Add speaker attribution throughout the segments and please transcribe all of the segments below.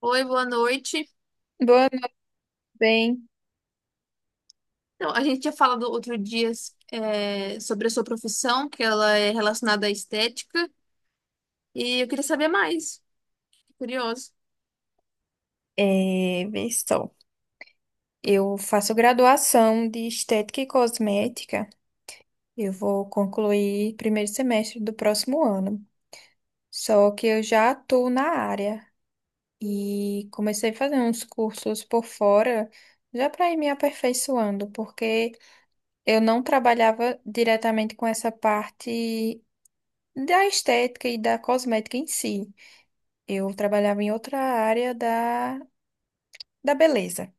Speaker 1: Oi, boa noite.
Speaker 2: Boa, bem,
Speaker 1: Então, a gente tinha falado outro dia sobre a sua profissão, que ela é relacionada à estética, e eu queria saber mais. Curioso.
Speaker 2: vê só. Eu faço graduação de estética e cosmética. Eu vou concluir primeiro semestre do próximo ano. Só que eu já atuo na área e comecei a fazer uns cursos por fora, já para ir me aperfeiçoando, porque eu não trabalhava diretamente com essa parte da estética e da cosmética em si. Eu trabalhava em outra área da beleza.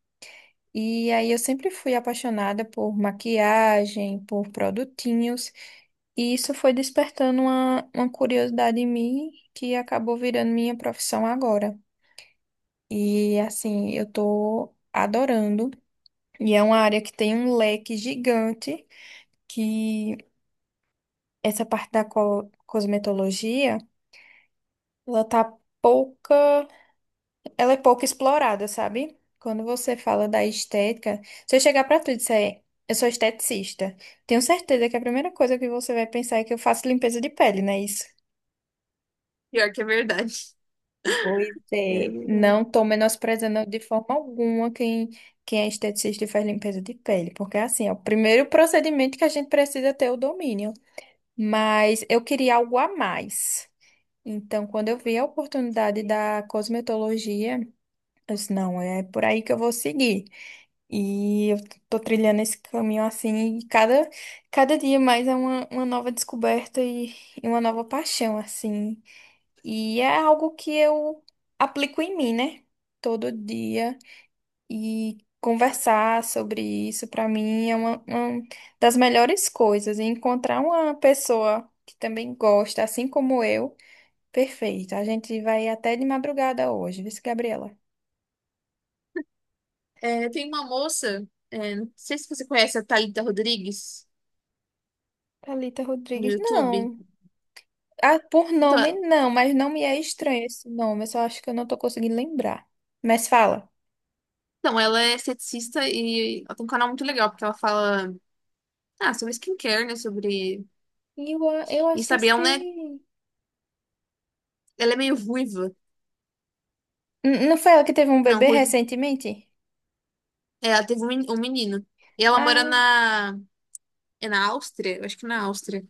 Speaker 2: E aí eu sempre fui apaixonada por maquiagem, por produtinhos, e isso foi despertando uma curiosidade em mim que acabou virando minha profissão agora. E assim, eu tô adorando, e é uma área que tem um leque gigante, que essa parte da cosmetologia, ela tá pouca. Ela é pouco explorada, sabe? Quando você fala da estética, se eu chegar pra tu e disser, eu sou esteticista, tenho certeza que a primeira coisa que você vai pensar é que eu faço limpeza de pele, não é isso?
Speaker 1: Pior que é verdade.
Speaker 2: Pois
Speaker 1: É
Speaker 2: é.
Speaker 1: verdade.
Speaker 2: Não tô menosprezando de forma alguma quem é esteticista e faz limpeza de pele, porque assim, é o primeiro procedimento que a gente precisa ter o domínio. Mas eu queria algo a mais. Então, quando eu vi a oportunidade da cosmetologia, eu disse, não, é por aí que eu vou seguir. E eu tô trilhando esse caminho assim, e cada dia mais é uma nova descoberta e uma nova paixão, assim. E é algo que eu aplico em mim, né? Todo dia. E conversar sobre isso, pra mim, é uma das melhores coisas. E encontrar uma pessoa que também gosta, assim como eu, perfeito. A gente vai até de madrugada hoje, viu, Gabriela?
Speaker 1: É, tem uma moça, não sei se você conhece a Thalita Rodrigues
Speaker 2: Thalita
Speaker 1: no
Speaker 2: Rodrigues,
Speaker 1: YouTube.
Speaker 2: não. Ah, por
Speaker 1: Então,
Speaker 2: nome
Speaker 1: é-
Speaker 2: não, mas não me é estranho esse nome. Eu só acho que eu não tô conseguindo lembrar. Mas fala.
Speaker 1: então, ela é esteticista e ela tem um canal muito legal, porque ela fala sobre skincare, né? Sobre.
Speaker 2: Eu
Speaker 1: E
Speaker 2: acho que eu
Speaker 1: sabe, ela, não é-
Speaker 2: sei.
Speaker 1: ela é meio ruiva.
Speaker 2: Não foi ela que teve um
Speaker 1: Não,
Speaker 2: bebê
Speaker 1: ruiva.
Speaker 2: recentemente?
Speaker 1: É, ela teve um menino. E ela mora
Speaker 2: Ah,
Speaker 1: na. É na Áustria? Eu acho que é na Áustria.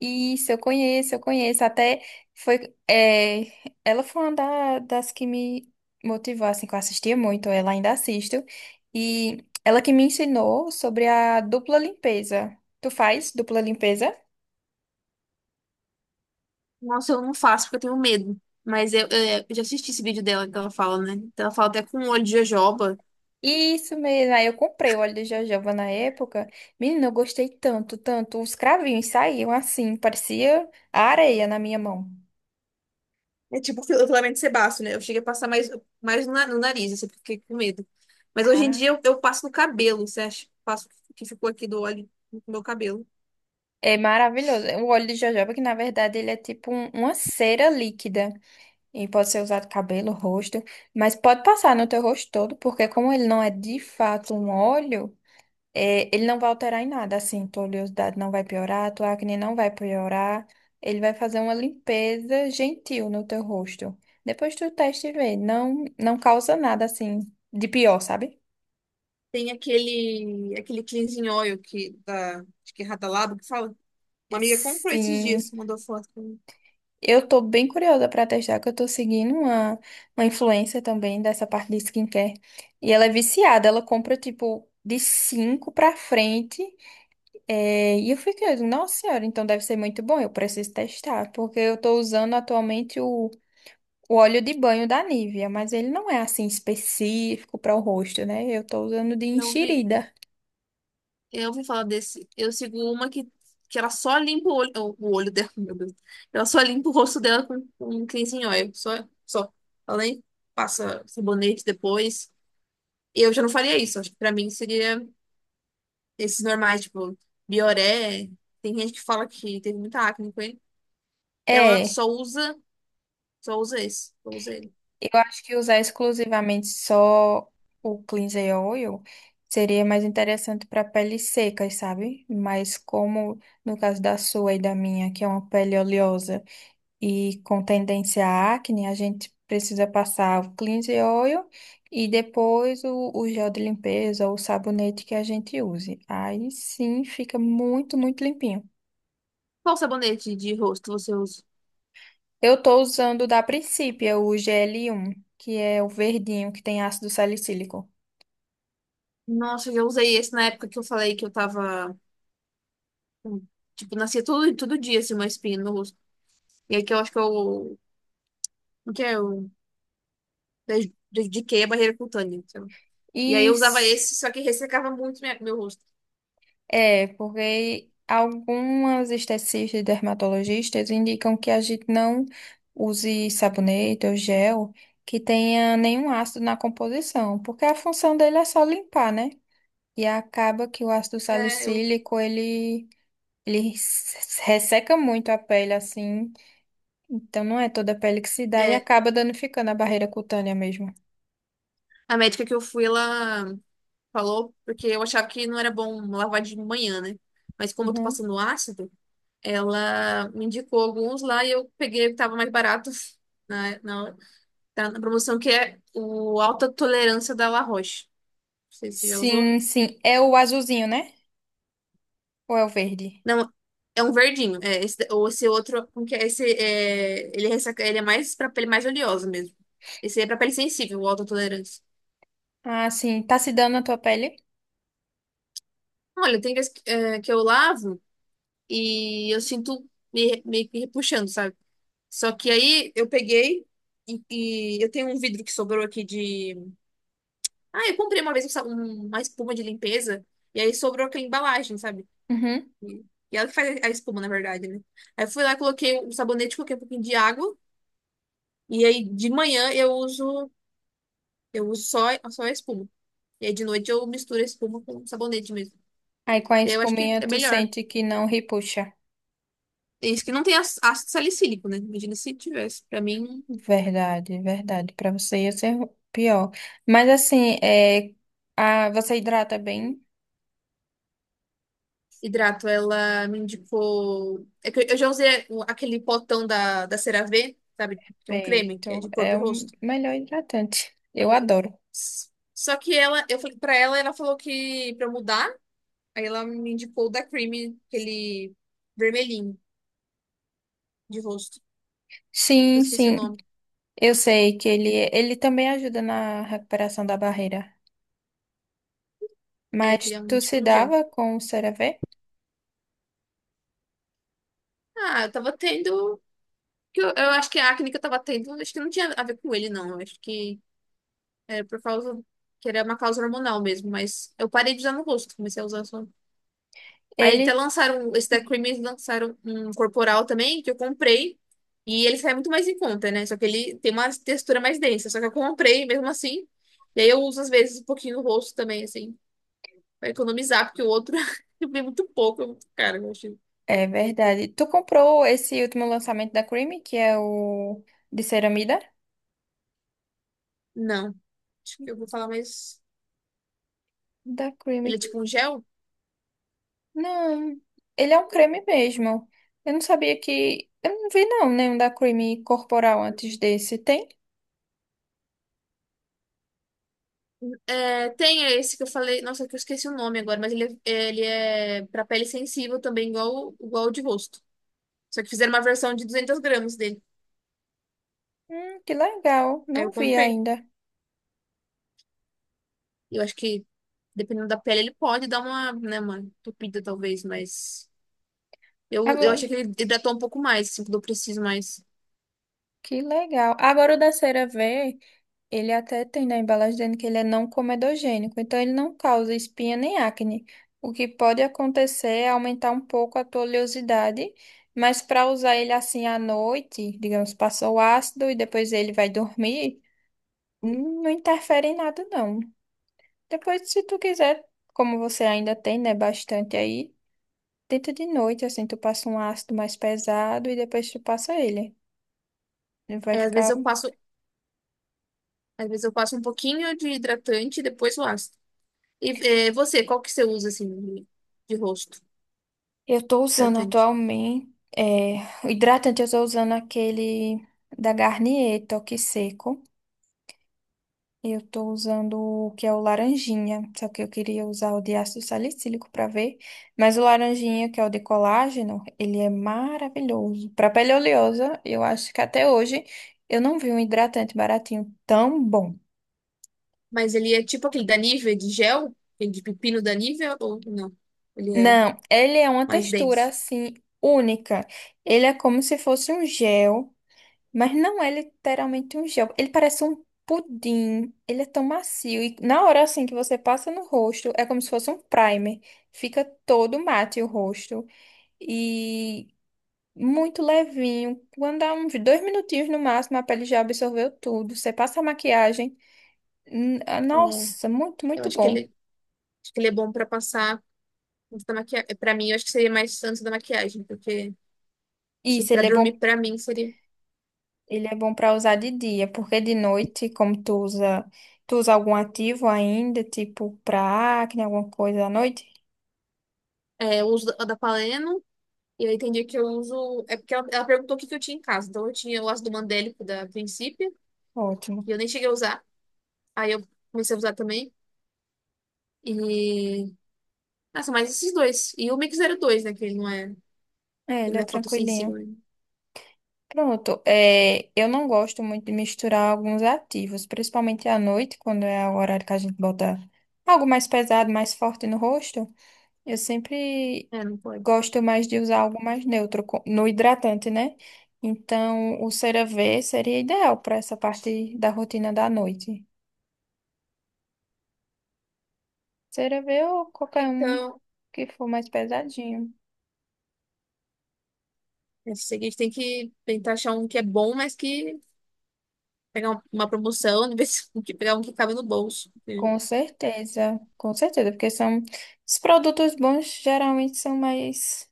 Speaker 2: isso, eu conheço, eu conheço. Até foi. Ela foi uma das que me motivou, assim, que eu assistia muito, ela ainda assisto. E ela que me ensinou sobre a dupla limpeza. Tu faz dupla limpeza?
Speaker 1: Nossa, eu não faço porque eu tenho medo. Mas eu já assisti esse vídeo dela que ela fala, né? Então ela fala até com o olho de jojoba.
Speaker 2: Isso mesmo. Aí eu comprei o óleo de jojoba na época. Menina, eu gostei tanto, tanto. Os cravinhos saíam assim, parecia a areia na minha mão.
Speaker 1: É tipo o filamento sebáceo, né? Eu cheguei a passar mais no nariz, assim, porque fiquei com medo. Mas hoje em
Speaker 2: Ah,
Speaker 1: dia eu passo no cabelo, você acha? Passo o que ficou aqui do óleo no meu cabelo.
Speaker 2: é maravilhoso. O óleo de jojoba, que na verdade ele é tipo uma cera líquida. E pode ser usado cabelo, rosto, mas pode passar no teu rosto todo, porque como ele não é de fato um óleo. É, ele não vai alterar em nada, assim, tua oleosidade não vai piorar, tua acne não vai piorar. Ele vai fazer uma limpeza gentil no teu rosto. Depois tu testa e vê, não, não causa nada, assim, de pior, sabe?
Speaker 1: Tem aquele cleansing oil acho que é Hada Labo que fala. Uma amiga comprou esses dias,
Speaker 2: Sim,
Speaker 1: mandou foto pra mim.
Speaker 2: eu tô bem curiosa pra testar, que eu tô seguindo uma influencer também dessa parte de skincare. E ela é viciada, ela compra, tipo, de cinco pra frente. É, e eu fiquei, nossa senhora, então deve ser muito bom, eu preciso testar, porque eu tô usando atualmente o óleo de banho da Nivea, mas ele não é assim específico para o rosto, né? Eu tô usando de
Speaker 1: Eu vi.
Speaker 2: enxerida.
Speaker 1: Eu ouvi falar desse. Eu sigo uma que ela só limpa o olho dela, meu Deus. Ela só limpa o rosto dela com cleanse em óleo. Só, só. Ela nem passa sabonete depois. Eu já não faria isso. Acho que pra mim seria esses normais, tipo, Bioré. Tem gente que fala que teve muita acne com ele. Ela
Speaker 2: É,
Speaker 1: só usa, só usa esse. Só usa ele.
Speaker 2: eu acho que usar exclusivamente só o cleanser oil seria mais interessante para peles secas, sabe? Mas como no caso da sua e da minha, que é uma pele oleosa e com tendência à acne, a gente precisa passar o cleanse oil e depois o gel de limpeza ou o sabonete que a gente use. Aí sim fica muito, muito limpinho.
Speaker 1: Qual sabonete de rosto você usa?
Speaker 2: Eu tô usando da Principia o GL1, que é o verdinho que tem ácido salicílico.
Speaker 1: Nossa, eu já usei esse na época que eu falei que eu tava com- Tipo, nascia todo dia, assim, uma espinha no rosto. E aí, que eu acho que eu, porque eu dediquei a barreira cutânea, então. E aí
Speaker 2: E
Speaker 1: eu usava esse, só que ressecava muito meu rosto.
Speaker 2: É, porque algumas esteticistas e dermatologistas indicam que a gente não use sabonete ou gel que tenha nenhum ácido na composição, porque a função dele é só limpar, né? E acaba que o ácido
Speaker 1: É,
Speaker 2: salicílico, ele resseca muito a pele, assim. Então não é toda a pele que se dá e
Speaker 1: é,
Speaker 2: acaba danificando a barreira cutânea mesmo.
Speaker 1: a médica que eu fui, ela falou, porque eu achava que não era bom lavar de manhã, né? Mas como eu tô
Speaker 2: Uhum.
Speaker 1: passando ácido, ela me indicou alguns lá e eu peguei o que tava mais barato, na, na, tá na promoção, que é o Alta Tolerância da La Roche. Não sei se você já usou.
Speaker 2: Sim, sim. É o azulzinho, né? Ou é o verde?
Speaker 1: Não, é um verdinho. É, esse, ou esse outro, como que é? Esse é, ele, é ressaca, ele é mais pra pele mais oleosa mesmo. Esse é pra pele sensível, o autotolerância.
Speaker 2: Ah, sim. Tá se dando na tua pele?
Speaker 1: Olha, tem vezes que eu lavo e eu sinto meio que repuxando, sabe? Só que aí eu peguei e, e eu tenho um vidro que sobrou aqui de. Ah, eu comprei uma vez uma espuma de limpeza e aí sobrou aquela embalagem, sabe?
Speaker 2: Uhum.
Speaker 1: E, e ela que faz a espuma, na verdade, né? Aí eu fui lá, coloquei um sabonete, coloquei um pouquinho de água. E aí de manhã eu uso só a espuma. E aí de noite eu misturo a espuma com sabonete mesmo.
Speaker 2: Aí com a
Speaker 1: E aí eu acho que
Speaker 2: espuminha
Speaker 1: é
Speaker 2: tu
Speaker 1: melhor.
Speaker 2: sente que não repuxa.
Speaker 1: É isso que não tem ácido salicílico, né? Imagina se tivesse. Pra mim,
Speaker 2: Verdade, verdade. Pra você ia ser pior. Mas assim, você hidrata bem
Speaker 1: hidrato, ela me indicou. É que eu já usei aquele potão da CeraVe, sabe? Que é um creme, que é
Speaker 2: feito.
Speaker 1: de corpo
Speaker 2: É
Speaker 1: e
Speaker 2: o
Speaker 1: rosto.
Speaker 2: melhor hidratante. Eu adoro.
Speaker 1: Só que ela, eu falei pra ela, ela falou que pra eu mudar, aí ela me indicou o da Creamy, aquele vermelhinho de rosto. Eu
Speaker 2: Sim,
Speaker 1: esqueci o
Speaker 2: sim.
Speaker 1: nome.
Speaker 2: Eu sei que ele também ajuda na recuperação da barreira.
Speaker 1: É, que ele
Speaker 2: Mas
Speaker 1: é um
Speaker 2: tu
Speaker 1: tipo
Speaker 2: se
Speaker 1: um gel.
Speaker 2: dava com o CeraVe?
Speaker 1: Ah, eu tava tendo, que eu acho que a acne que eu tava tendo, acho que não tinha a ver com ele, não. Eu acho que era por causa. Que era uma causa hormonal mesmo, mas eu parei de usar no rosto, comecei a usar só. Aí até
Speaker 2: Ele
Speaker 1: lançaram, esse da Cream, eles lançaram um corporal também, que eu comprei. E ele sai muito mais em conta, né? Só que ele tem uma textura mais densa. Só que eu comprei mesmo assim. E aí eu uso às vezes um pouquinho no rosto também, assim, pra economizar, porque o outro eu vi muito pouco, é muito caro, eu achei.
Speaker 2: é Verdade. Tu comprou esse último lançamento da Creamy, que é o de ceramida?
Speaker 1: Não, acho que eu vou falar mais.
Speaker 2: Da
Speaker 1: Ele é
Speaker 2: Creamy.
Speaker 1: tipo um gel?
Speaker 2: Não, ele é um creme mesmo. Eu não sabia que. Eu não vi, não, nenhum da creme corporal antes desse. Tem?
Speaker 1: É, tem esse que eu falei, nossa, que eu esqueci o nome agora, mas ele é para pele sensível também, igual o de rosto. Só que fizeram uma versão de 200 g dele.
Speaker 2: Que legal.
Speaker 1: Aí
Speaker 2: Não
Speaker 1: eu
Speaker 2: vi
Speaker 1: comprei.
Speaker 2: ainda.
Speaker 1: Eu acho que, dependendo da pele, ele pode dar uma, né, uma entupida, talvez, mas eu
Speaker 2: Agora,
Speaker 1: achei que ele hidratou um pouco mais, assim, quando eu preciso mais.
Speaker 2: que legal. Agora o da cera V. Ele até tem na embalagem dizendo que ele é não comedogênico, então ele não causa espinha nem acne. O que pode acontecer é aumentar um pouco a tua oleosidade, mas para usar ele assim à noite, digamos, passou o ácido e depois ele vai dormir, não interfere em nada, não. Depois, se tu quiser, como você ainda tem, né, bastante aí, tenta de noite, assim, tu passa um ácido mais pesado e depois tu passa ele. Ele vai
Speaker 1: É, às vezes
Speaker 2: ficar.
Speaker 1: eu passo, às vezes eu passo um pouquinho de hidratante e depois o ácido. E qual que você usa, assim, de rosto?
Speaker 2: Eu tô usando
Speaker 1: Hidratante.
Speaker 2: atualmente, é, o hidratante eu tô usando aquele da Garnier, Toque Seco. Eu tô usando o que é o laranjinha, só que eu queria usar o de ácido salicílico pra ver, mas o laranjinha, que é o de colágeno, ele é maravilhoso. Pra pele oleosa, eu acho que até hoje eu não vi um hidratante baratinho tão bom.
Speaker 1: Mas ele é tipo aquele da Nivea de gel? Aquele de pepino da Nivea ou não? Ele é
Speaker 2: Não, ele é uma
Speaker 1: mais
Speaker 2: textura
Speaker 1: denso.
Speaker 2: assim única. Ele é como se fosse um gel. Mas não é literalmente um gel. Ele parece um pudim. Ele é tão macio. E na hora assim que você passa no rosto, é como se fosse um primer. Fica todo mate o rosto. E muito levinho. Quando dá uns dois minutinhos no máximo, a pele já absorveu tudo. Você passa a maquiagem.
Speaker 1: É.
Speaker 2: Nossa, muito,
Speaker 1: Eu
Speaker 2: muito
Speaker 1: acho que
Speaker 2: bom.
Speaker 1: ele é bom pra passar antes da maquiagem. É, pra mim, eu acho que seria mais antes da maquiagem, porque tipo,
Speaker 2: Isso,
Speaker 1: pra
Speaker 2: ele é bom.
Speaker 1: dormir, pra mim, seria.
Speaker 2: Ele é bom para usar de dia, porque de noite, como tu usa algum ativo ainda, tipo pra acne, alguma coisa à noite?
Speaker 1: É, eu uso a da Paleno, e aí tem dia que eu uso. É porque ela perguntou o que que eu tinha em casa. Então eu tinha o ácido do mandélico da Princípio,
Speaker 2: Ótimo.
Speaker 1: que eu nem cheguei a usar. Aí eu comecei a usar também. E. Nossa, mas esses dois. E o Mix 02, né? Que ele não é,
Speaker 2: É,
Speaker 1: ele
Speaker 2: ele é
Speaker 1: não é fotossensível,
Speaker 2: tranquilinho.
Speaker 1: né?
Speaker 2: Pronto. É, eu não gosto muito de misturar alguns ativos, principalmente à noite, quando é o horário que a gente bota algo mais pesado, mais forte no rosto. Eu sempre
Speaker 1: É, não pode.
Speaker 2: gosto mais de usar algo mais neutro no hidratante, né? Então, o CeraVe seria ideal para essa parte da rotina da noite. CeraVe ou qualquer um
Speaker 1: Então,
Speaker 2: que for mais pesadinho.
Speaker 1: é o seguinte, tem que tentar achar um que é bom, mas que pegar uma promoção, em vez de pegar um que cabe no bolso.
Speaker 2: Com certeza, porque são os produtos bons geralmente são mais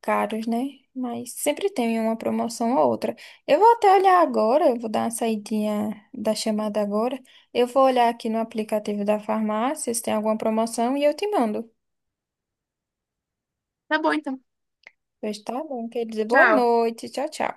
Speaker 2: caros, né? Mas sempre tem uma promoção ou outra. Eu vou até olhar agora, eu vou dar uma saidinha da chamada agora. Eu vou olhar aqui no aplicativo da farmácia se tem alguma promoção e eu te mando.
Speaker 1: Tá bom, então.
Speaker 2: Pois tá bom, quer dizer, boa
Speaker 1: Tchau.
Speaker 2: noite, tchau, tchau.